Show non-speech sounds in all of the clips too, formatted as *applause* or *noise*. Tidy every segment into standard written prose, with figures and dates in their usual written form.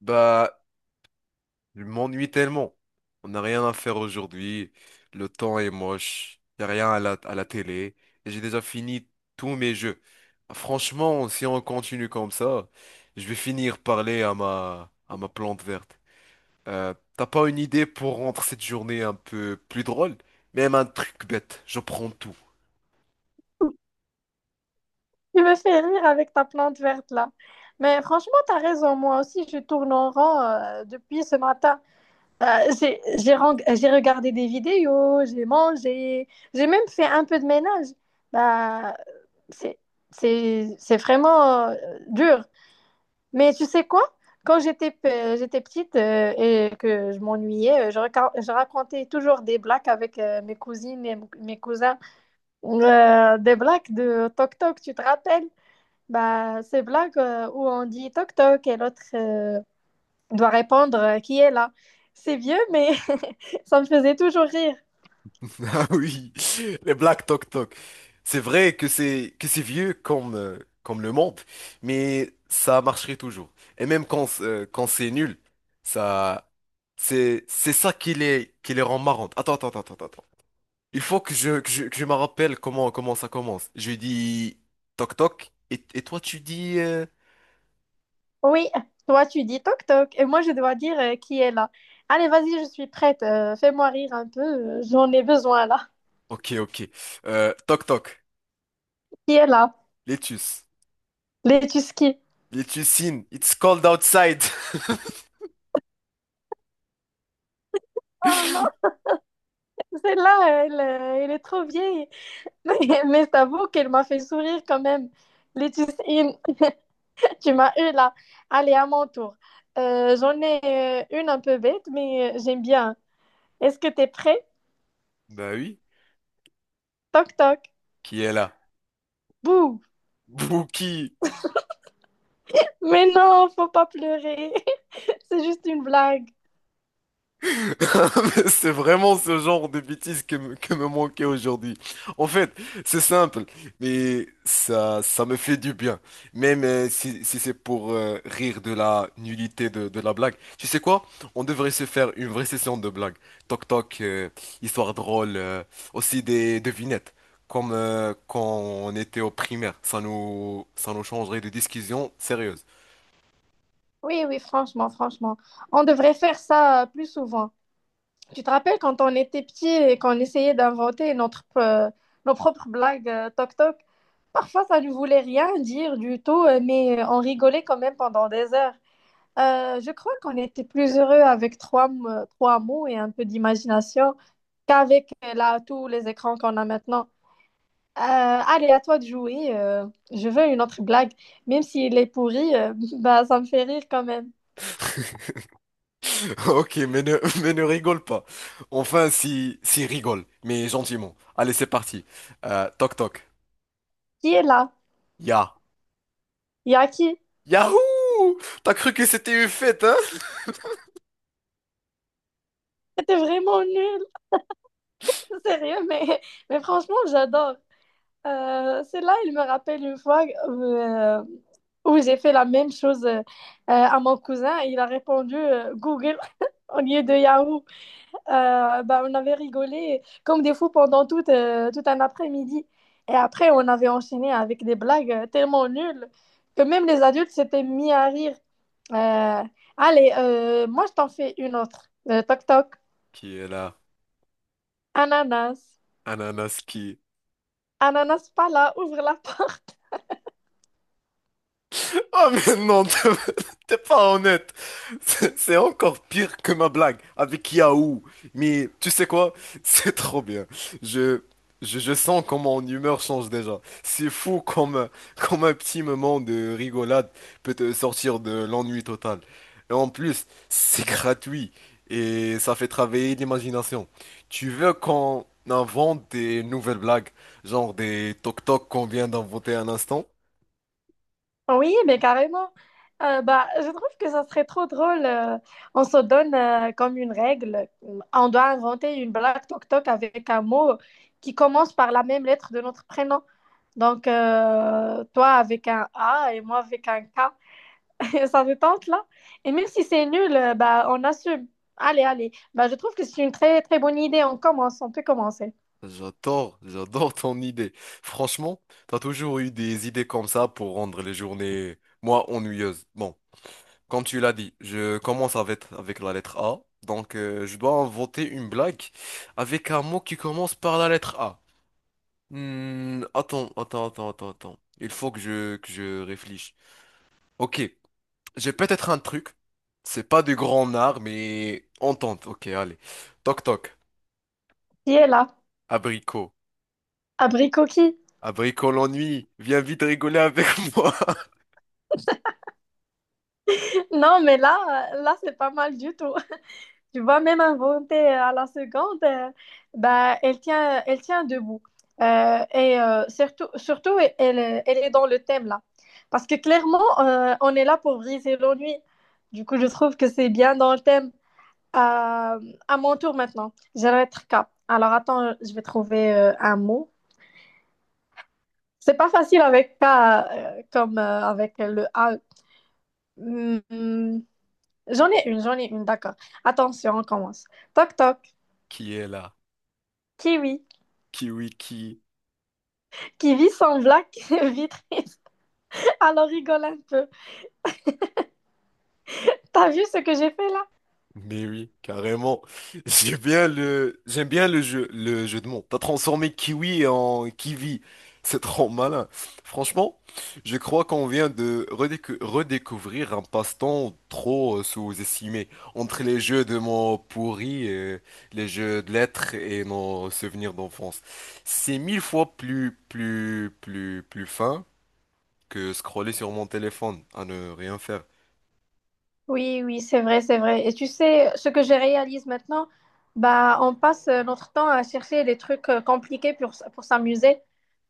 Bah, je m'ennuie tellement. On n'a rien à faire aujourd'hui. Le temps est moche. Y a rien à la télé. Et j'ai déjà fini tous mes jeux. Franchement, si on continue comme ça, je vais finir parler à ma plante verte. T'as pas une idée pour rendre cette journée un peu plus drôle? Même un truc bête. Je prends tout. Tu me fais rire avec ta plante verte là. Mais franchement, tu as raison. Moi aussi, je tourne en rond depuis ce matin. J'ai regardé des vidéos, j'ai mangé, j'ai même fait un peu de ménage. Bah, c'est, c'est vraiment dur. Mais tu sais quoi? J'étais petite et que je m'ennuyais, je racontais toujours des blagues avec mes cousines et mes cousins. Des blagues de toc toc, tu te rappelles? Bah, ces blagues où on dit toc toc et l'autre doit répondre qui est là. C'est vieux, mais *laughs* ça me faisait toujours rire. *laughs* Ah oui, les Black Tok Tok. C'est vrai que c'est vieux comme comme le monde, mais ça marcherait toujours. Et même quand c'est nul, ça c'est ça qui les rend marrantes. Attends. Il faut que je me rappelle comment ça commence. Je dis toc toc et toi tu dis Oui, toi tu dis toc toc et moi je dois dire qui est là. Allez, vas-y, je suis prête. Fais-moi rire un peu, j'en ai besoin là. ok toc toc. Qui est là? Letus. Les Tuskis. Letusine it's cold outside. Oh non, *laughs* celle-là, elle, elle est trop vieille. *laughs* Mais, mais je t'avoue qu'elle m'a fait sourire quand même. Les Tuskis. Tu m'as eu là. Allez, à mon tour. J'en ai une un peu bête, mais j'aime bien. Est-ce que t'es prêt? Bah oui, Toc toc. qui est là? Bouh. Bouki. Mais non, faut pas pleurer. *laughs* C'est juste une blague. *laughs* C'est vraiment ce genre de bêtises que me manquait aujourd'hui. En fait, c'est simple, mais ça me fait du bien. Même si, si c'est pour rire de la nullité de la blague. Tu sais quoi? On devrait se faire une vraie session de blagues. Toc toc, histoire drôle, aussi des devinettes. Comme quand on était au primaire, ça nous changerait de discussion sérieuse. Oui, oui, franchement, franchement. On devrait faire ça plus souvent. Tu te rappelles quand on était petits et qu'on essayait d'inventer notre, nos propres blagues toc toc? Parfois, ça ne voulait rien dire du tout, mais on rigolait quand même pendant des heures. Je crois qu'on était plus heureux avec trois mots et un peu d'imagination qu'avec là tous les écrans qu'on a maintenant. Allez, à toi de jouer. Je veux une autre blague. Même s'il est pourri, *laughs* bah, ça me fait rire quand même. *laughs* Ok, mais ne, *laughs* mais ne rigole pas. Enfin, si, si rigole, mais gentiment. Allez, c'est parti. Toc toc. Qui est là? Ya. Il y a qui? Yahoo! T'as cru que c'était une fête, hein? C'était vraiment nul. *laughs* Sérieux, mais franchement, j'adore. Celle-là, il me rappelle une fois où j'ai fait la même chose à mon cousin. Il a répondu Google *laughs* au lieu de Yahoo. Bah, on avait rigolé comme des fous pendant tout un après-midi. Et après, on avait enchaîné avec des blagues tellement nulles que même les adultes s'étaient mis à rire. Euh, Moi, je t'en fais une autre. Toc, toc. Qui est là? Ananas. Ananas qui? Ananas, pas là, ouvre la *laughs* porte. *laughs* Oh mais non, t'es pas honnête. C'est encore pire que ma blague avec Yahoo. Mais tu sais quoi? C'est trop bien. Je, je sens comment mon humeur change déjà. C'est fou comme un petit moment de rigolade peut te sortir de l'ennui total. Et en plus, c'est gratuit et ça fait travailler l'imagination. Tu veux qu'on invente des nouvelles blagues, genre des toc-toc qu'on vient d'inventer un instant? Oui, mais carrément. Bah, je trouve que ça serait trop drôle. On se donne comme une règle. On doit inventer une blague toc-toc avec un mot qui commence par la même lettre de notre prénom. Donc, toi avec un A et moi avec un K. *laughs* Ça te tente, là? Et même si c'est nul, bah, on assume. Allez, allez. Bah, je trouve que c'est une très, très bonne idée. On peut commencer. J'adore, j'adore ton idée. Franchement, t'as toujours eu des idées comme ça pour rendre les journées, moi, ennuyeuses. Bon, comme tu l'as dit, je commence avec la lettre A. Donc, je dois inventer une blague avec un mot qui commence par la lettre A. Hmm, attends, Il faut que je réfléchisse. Ok, j'ai peut-être un truc. C'est pas du grand art, mais on tente. Ok, allez. Toc toc. Qui est là? Abricot. Abricot qui? Abricot l'ennui. Viens vite rigoler avec *laughs* moi. Non, mais là, là, c'est pas mal du tout. Tu vois, même inventée à la seconde, bah, elle tient debout. Et surtout, elle est dans le thème là. Parce que clairement, on est là pour briser l'ennui. Du coup, je trouve que c'est bien dans le thème. Euh, à mon tour maintenant, j'aimerais être K. Alors attends, je vais trouver un mot. C'est pas facile avec K comme avec le A. Hmm, hmm. J'en ai une, j'en ai une, d'accord. Attention, on commence. Toc toc, Qui est là? kiwi. Kiwi qui? Qui vit sans blague *laughs* vit triste. Alors rigole un peu. T'as vu ce que j'ai fait là? Mais oui, carrément. *laughs* J'aime bien j'aime bien le jeu de mots. T'as transformé kiwi en kiwi. C'est trop malin. Franchement, je crois qu'on vient de redécouvrir un passe-temps trop sous-estimé. Entre les jeux de mots pourris, les jeux de lettres et nos souvenirs d'enfance. C'est mille fois plus fin que scroller sur mon téléphone à ne rien faire. Oui, oui, c'est vrai, c'est vrai. Et tu sais, ce que je réalise maintenant, bah, on passe notre temps à chercher des trucs compliqués pour, pour s'amuser.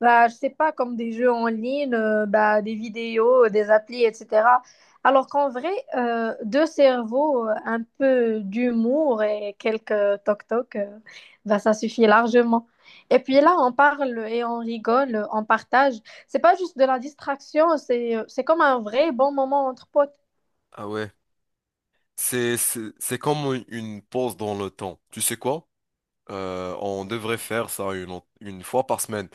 Bah, je sais pas, comme des jeux en ligne, bah, des vidéos, des applis, etc. Alors qu'en vrai, deux cerveaux, un peu d'humour et quelques toc-toc, bah, ça suffit largement. Et puis là, on parle et on rigole, on partage. C'est pas juste de la distraction, c'est comme un vrai bon moment entre potes. Ah ouais. C'est comme une pause dans le temps. Tu sais quoi? On devrait faire ça une fois par semaine.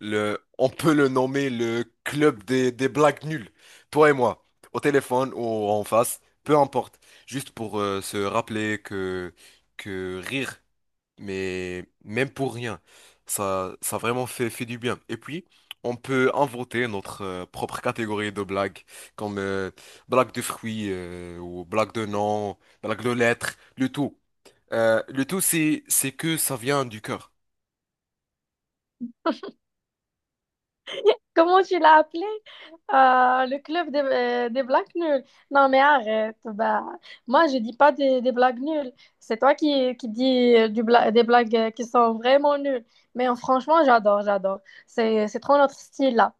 On peut le nommer le club des blagues nulles. Toi et moi, au téléphone ou en face, peu importe. Juste pour se rappeler que rire mais même pour rien, ça vraiment fait du bien. Et puis, on peut inventer notre propre catégorie de blagues, comme blague de fruits, ou blague de noms, blague de lettres, le tout. Le tout, c'est que ça vient du cœur. Comment tu l'as appelé? Ah, le club des blagues nulles. Non, mais arrête. Bah, moi, je dis pas des, des blagues nulles. C'est toi qui dis des blagues qui sont vraiment nulles. Mais franchement, j'adore, j'adore. C'est trop notre style là.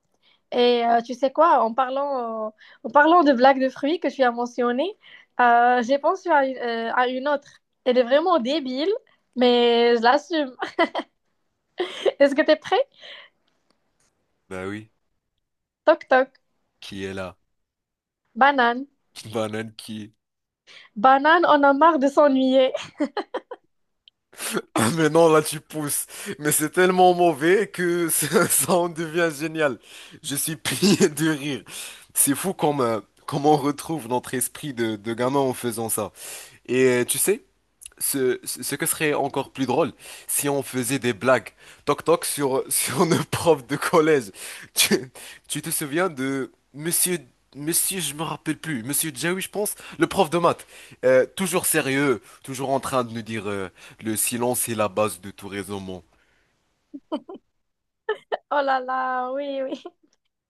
Et tu sais quoi, en parlant de blagues de fruits que tu as mentionnées, j'ai pensé à une autre. Elle est vraiment débile, mais je l'assume. *laughs* Est-ce que tu es prêt? Bah oui, Toc toc. qui est là? Banane. Une banane qui, Banane, on a marre de s'ennuyer. *laughs* ah, mais non, là tu pousses. Mais c'est tellement mauvais que *laughs* ça en devient génial. Je suis *laughs* plié de rire. C'est fou comme on retrouve notre esprit de gamin en faisant ça. Et tu sais, ce que serait encore plus drôle, si on faisait des blagues. Toc toc sur, *laughs* sur nos profs de collège. Tu, tu te souviens de je me rappelle plus, Monsieur Jaoui, je pense, le prof de maths. Toujours sérieux, toujours en train de nous dire le silence est la base de tout raisonnement. Oh là là, oui, oui.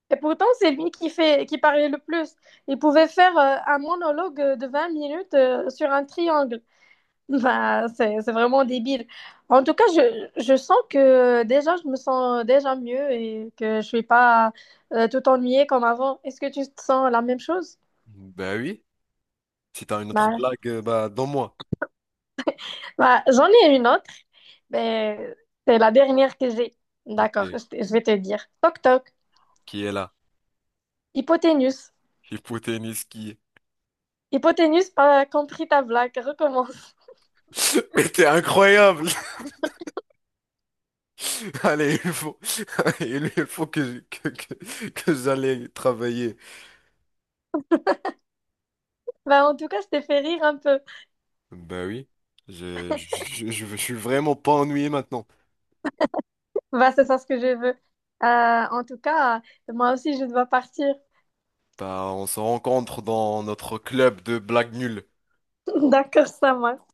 Et pourtant, c'est lui qui fait, qui parlait le plus. Il pouvait faire un monologue de 20 minutes sur un triangle. *laughs* Bah, c'est vraiment débile. En tout cas, je sens que déjà, je me sens déjà mieux et que je suis pas tout ennuyée comme avant. Est-ce que tu te sens la même chose? Ben oui, si t'as une autre Bah, blague, bah donne-moi. bah, j'en ai une autre, mais c'est la dernière que j'ai. Ok, D'accord, je vais te dire. Toc toc, qui est là? hypoténuse. Hypoténuse qui. Hypoténuse, pas compris ta blague, recommence. *laughs* Mais t'es incroyable! *laughs* Allez, *laughs* il faut que j'aille travailler. Bah, en tout cas, je t'ai fait rire un peu. Ben oui, je suis vraiment pas ennuyé maintenant. Bah, c'est ça ce que je veux. En tout cas, moi aussi, je dois partir. Bah, on se rencontre dans notre club de blagues nulles. *laughs* D'accord, ça marche.